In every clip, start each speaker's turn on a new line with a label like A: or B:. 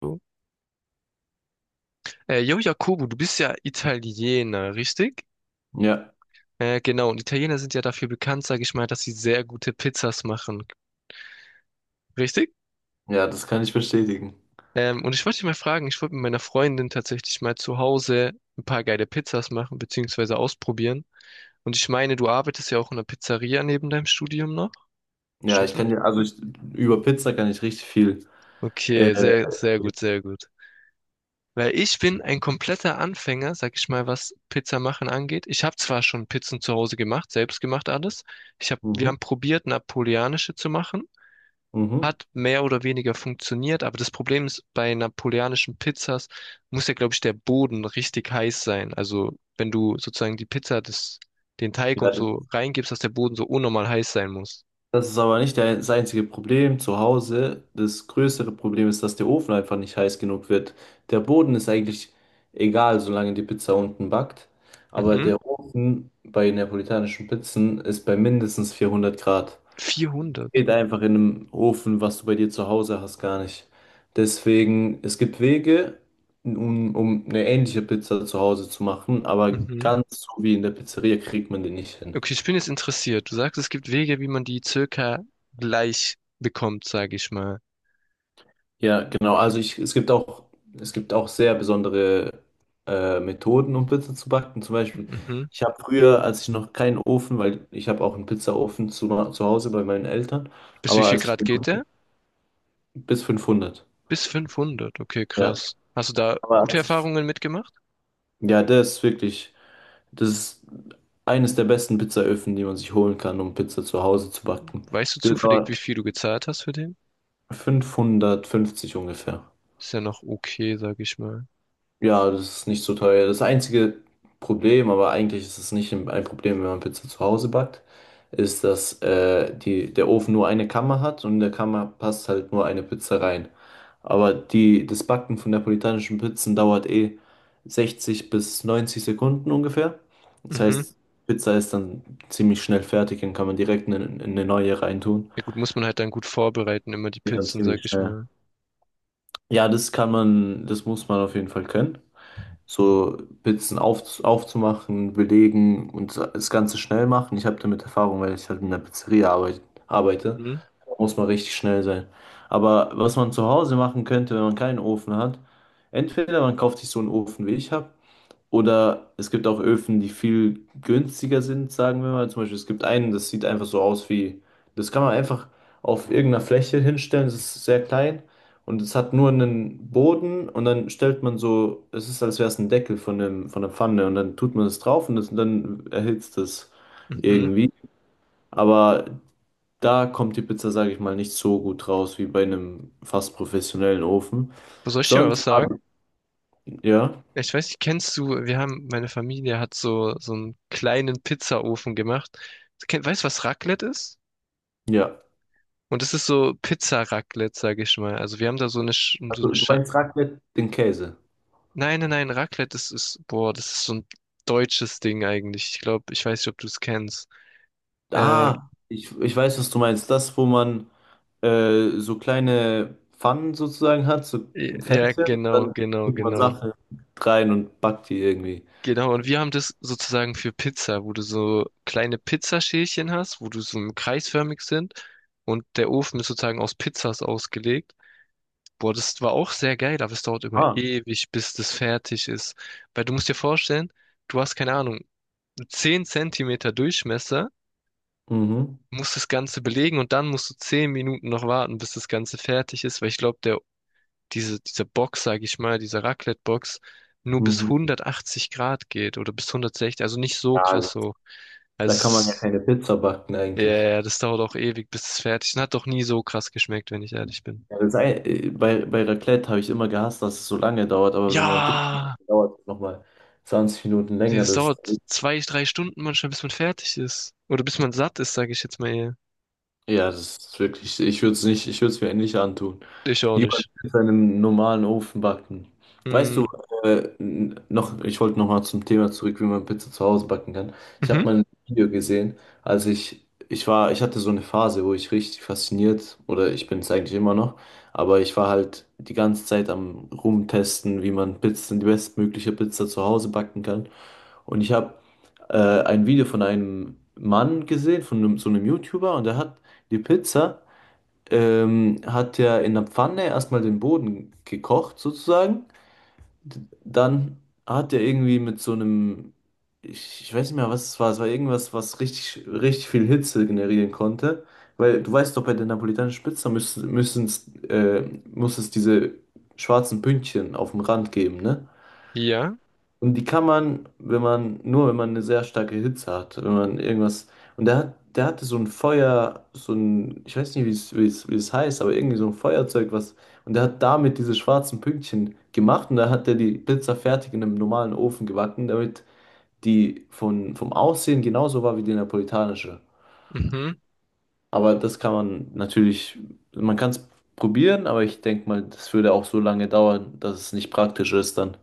A: So. Jo, Jakobo, du bist ja Italiener, richtig?
B: Ja,
A: Genau, und Italiener sind ja dafür bekannt, sage ich mal, dass sie sehr gute Pizzas machen, richtig?
B: ja, das kann ich bestätigen.
A: Und ich wollte dich mal fragen, ich wollte mit meiner Freundin tatsächlich mal zu Hause ein paar geile Pizzas machen, beziehungsweise ausprobieren. Und ich meine, du arbeitest ja auch in einer Pizzeria neben deinem Studium noch,
B: Ja,
A: stimmt
B: ich
A: das?
B: kann dir, also ich, über Pizza kann ich richtig viel. Äh,
A: Okay, sehr, sehr gut, sehr gut. Weil ich bin ein kompletter Anfänger, sag ich mal, was Pizza machen angeht. Ich habe zwar schon Pizzen zu Hause gemacht, selbst gemacht alles. Ich hab, wir
B: mhm,
A: haben probiert, napoleonische zu machen.
B: mhm.
A: Hat mehr oder weniger funktioniert, aber das Problem ist, bei napoleonischen Pizzas muss ja, glaube ich, der Boden richtig heiß sein. Also wenn du sozusagen den Teig
B: Ja,
A: und
B: das
A: so reingibst, dass der Boden so unnormal heiß sein muss.
B: das ist aber nicht das einzige Problem zu Hause. Das größere Problem ist, dass der Ofen einfach nicht heiß genug wird. Der Boden ist eigentlich egal, solange die Pizza unten backt. Aber
A: Mhm.
B: der Ofen bei neapolitanischen Pizzen ist bei mindestens 400 Grad.
A: 400.
B: Geht einfach in einem Ofen, was du bei dir zu Hause hast, gar nicht. Deswegen, es gibt Wege, um eine ähnliche Pizza zu Hause zu machen, aber
A: Mhm.
B: ganz so wie in der Pizzeria kriegt man die nicht hin.
A: Okay, ich bin jetzt interessiert. Du sagst, es gibt Wege, wie man die circa gleich bekommt, sage ich mal.
B: Ja, genau. Also ich, es gibt auch sehr besondere Methoden, um Pizza zu backen. Zum Beispiel,
A: Mhm.
B: ich habe früher, als ich noch keinen Ofen, weil ich habe auch einen Pizzaofen zu Hause bei meinen Eltern,
A: Bis wie
B: aber
A: viel
B: als ich
A: Grad
B: den
A: geht der?
B: bis 500.
A: Bis 500. Okay,
B: Ja,
A: krass. Hast du da
B: aber
A: gute
B: als ich,
A: Erfahrungen mitgemacht?
B: ja, der ist wirklich. Das ist eines der besten Pizzaöfen, die man sich holen kann, um Pizza zu Hause zu backen.
A: Weißt du
B: Das
A: zufällig, wie
B: war
A: viel du gezahlt hast für den?
B: 550 ungefähr.
A: Ist ja noch okay, sage ich mal.
B: Ja, das ist nicht so teuer. Das einzige Problem, aber eigentlich ist es nicht ein Problem, wenn man Pizza zu Hause backt, ist, dass die, der Ofen nur eine Kammer hat und in der Kammer passt halt nur eine Pizza rein. Aber die, das Backen von neapolitanischen Pizzen dauert eh 60 bis 90 Sekunden ungefähr. Das
A: Mhm.
B: heißt, Pizza ist dann ziemlich schnell fertig und kann man direkt in eine neue reintun.
A: Ja gut, muss man halt dann gut vorbereiten, immer die
B: Geht dann
A: Pizzen, sage
B: ziemlich
A: ich
B: schnell.
A: mal.
B: Ja, das kann man, das muss man auf jeden Fall können. So Pizzen aufzumachen, belegen und das Ganze schnell machen. Ich habe damit Erfahrung, weil ich halt in der Pizzeria arbeite.
A: Mhm.
B: Da muss man richtig schnell sein. Aber was man zu Hause machen könnte, wenn man keinen Ofen hat, entweder man kauft sich so einen Ofen, wie ich habe, oder es gibt auch Öfen, die viel günstiger sind, sagen wir mal. Zum Beispiel, es gibt einen, das sieht einfach so aus wie, das kann man einfach auf irgendeiner Fläche hinstellen, es ist sehr klein und es hat nur einen Boden und dann stellt man so, es ist, als wäre es ein Deckel von einem, von der Pfanne und dann tut man es drauf und dann erhitzt es
A: Mhm.
B: irgendwie. Aber da kommt die Pizza, sage ich mal, nicht so gut raus wie bei einem fast professionellen Ofen.
A: Aber soll ich dir mal was
B: Sonst,
A: sagen?
B: ja,
A: Ich weiß nicht, kennst du, wir haben, meine Familie hat so einen kleinen Pizzaofen gemacht. Weißt du, was Raclette ist?
B: ja.
A: Und es ist so Pizza-Raclette, sag ich mal. Also wir haben da so eine
B: Also, du
A: Sche.
B: meinst Raclette, den Käse.
A: Nein, nein, nein, Raclette, das ist, boah, das ist so ein deutsches Ding eigentlich. Ich glaube, ich weiß nicht, ob du es kennst. Äh,
B: Ah, ich weiß, was du meinst. Das, wo man so kleine Pfannen sozusagen hat, so
A: ja,
B: Fässchen,
A: genau,
B: dann
A: genau,
B: tut man
A: genau.
B: Sachen rein und backt die irgendwie.
A: Genau, und wir haben das sozusagen für Pizza, wo du so kleine Pizzaschälchen hast, wo du so kreisförmig sind und der Ofen ist sozusagen aus Pizzas ausgelegt. Boah, das war auch sehr geil, aber es dauert immer
B: Ah.
A: ewig, bis das fertig ist. Weil du musst dir vorstellen, du hast keine Ahnung, 10 Zentimeter Durchmesser,
B: Mhm.
A: musst das Ganze belegen und dann musst du 10 Minuten noch warten, bis das Ganze fertig ist, weil ich glaube, diese Box, sage ich mal, diese Raclette-Box, nur bis
B: Mhm.
A: 180 Grad geht oder bis 160, also nicht so
B: Ja, also,
A: krass so.
B: da
A: Also es
B: kann man ja
A: ist,
B: keine Pizza backen
A: ja,
B: eigentlich.
A: ja, ja, das dauert auch ewig, bis es fertig ist. Und hat doch nie so krass geschmeckt, wenn ich ehrlich bin.
B: Ja, bei Raclette habe ich immer gehasst, dass es so lange dauert, aber wenn man Pizza macht,
A: Ja,
B: dauert es nochmal 20 Minuten
A: nee,
B: länger.
A: das
B: Das,
A: dauert 2, 3 Stunden manchmal, bis man fertig ist. Oder bis man satt ist, sage ich jetzt mal, eher.
B: ja, das ist wirklich, ich würde es nicht, ich würde es mir nicht antun.
A: Ich auch
B: Jemand
A: nicht.
B: mit seinem normalen Ofen backen. Weißt du,
A: Mm,
B: noch, ich wollte nochmal zum Thema zurück, wie man Pizza zu Hause backen kann. Ich habe
A: mhm.
B: mal ein Video gesehen, als ich war, ich hatte so eine Phase, wo ich richtig fasziniert, oder ich bin es eigentlich immer noch, aber ich war halt die ganze Zeit am Rumtesten, wie man Pizzen, die bestmögliche Pizza zu Hause backen kann. Und ich habe ein Video von einem Mann gesehen, von einem, so einem YouTuber, und der hat die Pizza hat er in der Pfanne erstmal den Boden gekocht, sozusagen. Dann hat er irgendwie mit so einem, ich weiß nicht mehr, was es war irgendwas, was richtig, richtig viel Hitze generieren konnte. Weil du weißt doch, bei der napolitanischen Pizza müssen, müssen äh, muss es diese schwarzen Pünktchen auf dem Rand geben, ne?
A: Ja.
B: Und die kann man, wenn man, nur wenn man eine sehr starke Hitze hat, wenn man irgendwas. Und der hat, der hatte so ein Feuer, so ein, ich weiß nicht, wie es heißt, aber irgendwie so ein Feuerzeug, was. Und der hat damit diese schwarzen Pünktchen gemacht und da hat er die Pizza fertig in einem normalen Ofen gebacken, damit die von, vom Aussehen genauso war wie die napolitanische.
A: Mhm.
B: Aber das kann man natürlich, man kann es probieren, aber ich denke mal, das würde auch so lange dauern, dass es nicht praktisch ist dann,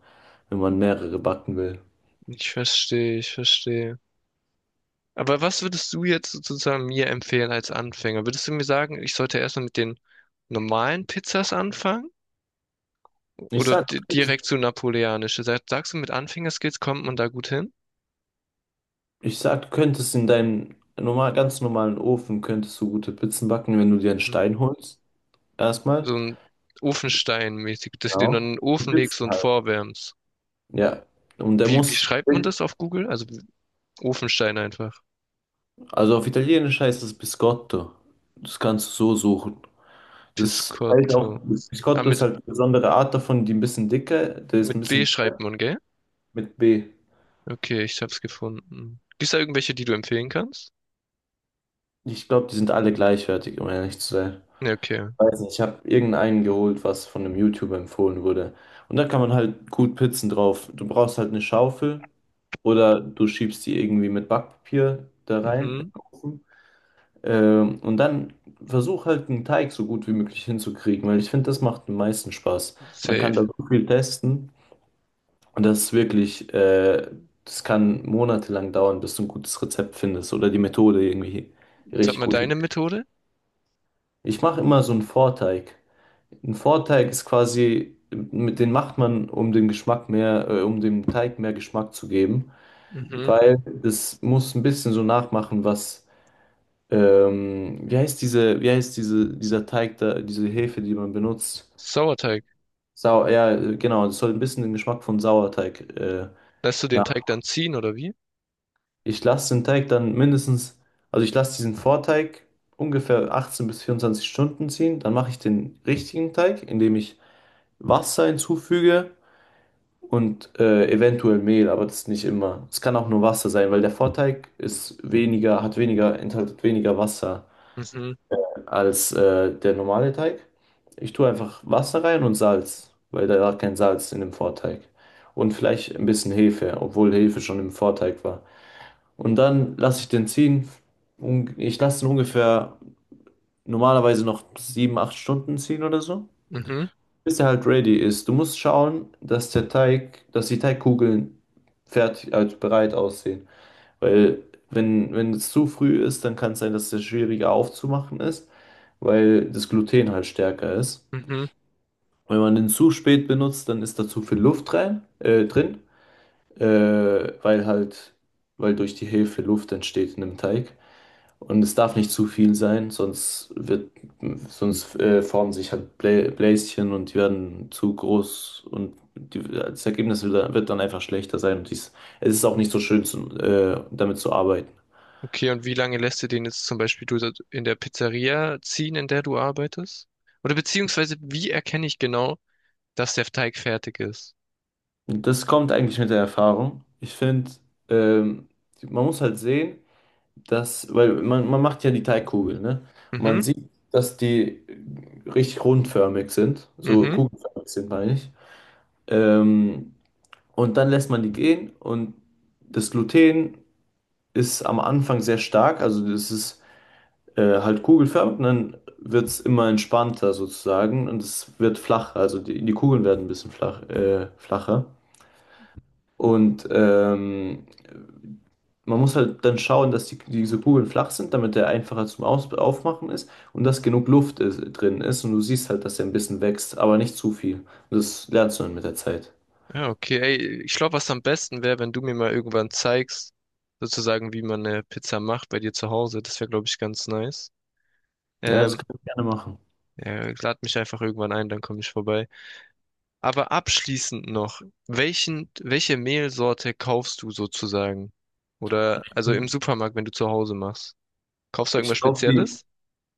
B: wenn man mehrere backen will.
A: Ich verstehe, ich verstehe. Aber was würdest du jetzt sozusagen mir empfehlen als Anfänger? Würdest du mir sagen, ich sollte erstmal mit den normalen Pizzas anfangen?
B: Ich
A: Oder
B: sag,
A: direkt zu napoleonische? Sagst du, mit Anfängerskills kommt man da gut hin?
B: Ich sag, du könntest in deinem normal, ganz normalen Ofen könntest du gute Pizzen backen, wenn du dir einen
A: Hm.
B: Stein holst. Erstmal.
A: So ein Ofenstein-mäßig, dass du den dann in
B: Genau.
A: den
B: Die
A: Ofen legst
B: Pizzen
A: und
B: halt.
A: vorwärmst.
B: Ja. Und der
A: Wie, wie
B: muss,
A: schreibt man das auf Google? Also Ofenstein einfach.
B: also auf Italienisch heißt es Biscotto. Das kannst du so suchen. Das halt auch,
A: Piscotto. Ah,
B: Biscotto ist
A: mit,
B: halt eine besondere Art davon, die ein bisschen dicker, der ist ein
A: mit W
B: bisschen
A: schreibt
B: dicker
A: man, gell?
B: mit B.
A: Okay, ich hab's gefunden. Gibt's da irgendwelche, die du empfehlen kannst?
B: Ich glaube, die sind alle gleichwertig, um ehrlich zu sein.
A: Ja, okay.
B: Weiß nicht, ich habe irgendeinen geholt, was von einem YouTuber empfohlen wurde. Und da kann man halt gut Pizzen drauf. Du brauchst halt eine Schaufel oder du schiebst die irgendwie mit Backpapier da rein in den
A: Mhm.
B: Ofen. Und dann versuch halt einen Teig so gut wie möglich hinzukriegen, weil ich finde, das macht am meisten Spaß. Man kann da
A: Safe.
B: so viel testen und das ist wirklich, das kann monatelang dauern, bis du ein gutes Rezept findest oder die Methode irgendwie
A: Sag
B: richtig
A: mal
B: gut hin.
A: deine Methode.
B: Ich mache immer so einen Vorteig. Ein Vorteig ist quasi, mit den macht man, um den Geschmack mehr, um dem Teig mehr Geschmack zu geben,
A: Mhm.
B: weil das muss ein bisschen so nachmachen, was, wie heißt diese, dieser Teig da, diese Hefe, die man benutzt?
A: Sauerteig.
B: Ja, genau, das soll ein bisschen den Geschmack von Sauerteig,
A: Lässt du den
B: nach.
A: Teig dann ziehen oder wie?
B: Ich lasse den Teig dann mindestens, also ich lasse diesen Vorteig ungefähr 18 bis 24 Stunden ziehen, dann mache ich den richtigen Teig, indem ich Wasser hinzufüge und eventuell Mehl, aber das ist nicht immer. Es kann auch nur Wasser sein, weil der Vorteig ist weniger, hat weniger, enthaltet weniger Wasser
A: Mhm.
B: als der normale Teig. Ich tue einfach Wasser rein und Salz, weil da war kein Salz in dem Vorteig. Und vielleicht ein bisschen Hefe, obwohl Hefe schon im Vorteig war. Und dann lasse ich den ziehen. Ich lasse ihn ungefähr normalerweise noch 7, 8 Stunden ziehen oder so
A: Mhm.
B: bis er halt ready ist. Du musst schauen, dass der Teig, dass die Teigkugeln fertig, also bereit aussehen. Weil wenn es zu früh ist, dann kann es sein, dass der schwieriger aufzumachen ist, weil das Gluten halt stärker ist.
A: Mhm.
B: Wenn man den zu spät benutzt, dann ist da zu viel Luft rein, drin, weil halt, weil durch die Hefe Luft entsteht in dem Teig. Und es darf nicht zu viel sein, sonst wird, sonst formen sich halt Bläschen und die werden zu groß und die, das Ergebnis wird dann einfach schlechter sein. Und dies, es ist auch nicht so schön, damit zu arbeiten.
A: Okay, und wie lange lässt du den jetzt zum Beispiel in der Pizzeria ziehen, in der du arbeitest? Oder beziehungsweise, wie erkenne ich genau, dass der Teig fertig ist?
B: Und das kommt eigentlich mit der Erfahrung. Ich finde, ähm, man muss halt sehen, das, weil man macht ja die Teigkugel, ne? Und man
A: Mhm.
B: sieht, dass die richtig rundförmig sind, so
A: Mhm.
B: kugelförmig sind, meine ich. Ähm, und dann lässt man die gehen und das Gluten ist am Anfang sehr stark, also das ist halt kugelförmig und dann wird es immer entspannter sozusagen und es wird flacher, also die Kugeln werden ein bisschen flacher. Und man muss halt dann schauen, dass die, diese Kugeln flach sind, damit der einfacher zum Aus Aufmachen ist und dass genug Luft ist, drin ist. Und du siehst halt, dass er ein bisschen wächst, aber nicht zu viel. Und das lernst du dann mit der Zeit.
A: Ja, okay. Ey, ich glaube, was am besten wäre, wenn du mir mal irgendwann zeigst, sozusagen, wie man eine Pizza macht bei dir zu Hause. Das wäre, glaube ich, ganz nice.
B: Ja, das
A: Ähm,
B: kann ich gerne machen.
A: ja, lad mich einfach irgendwann ein, dann komme ich vorbei. Aber abschließend noch, welche Mehlsorte kaufst du sozusagen? Oder also im
B: Mhm.
A: Supermarkt, wenn du zu Hause machst? Kaufst du irgendwas
B: Ich kaufe die.
A: Spezielles?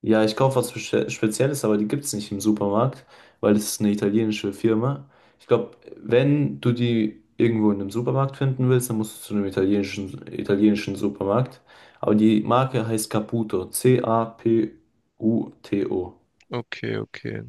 B: Ja, ich kaufe was Spezielles, aber die gibt es nicht im Supermarkt, weil das ist eine italienische Firma. Ich glaube, wenn du die irgendwo in einem Supermarkt finden willst, dann musst du zu einem italienischen Supermarkt. Aber die Marke heißt Caputo. Caputo.
A: Okay, okay.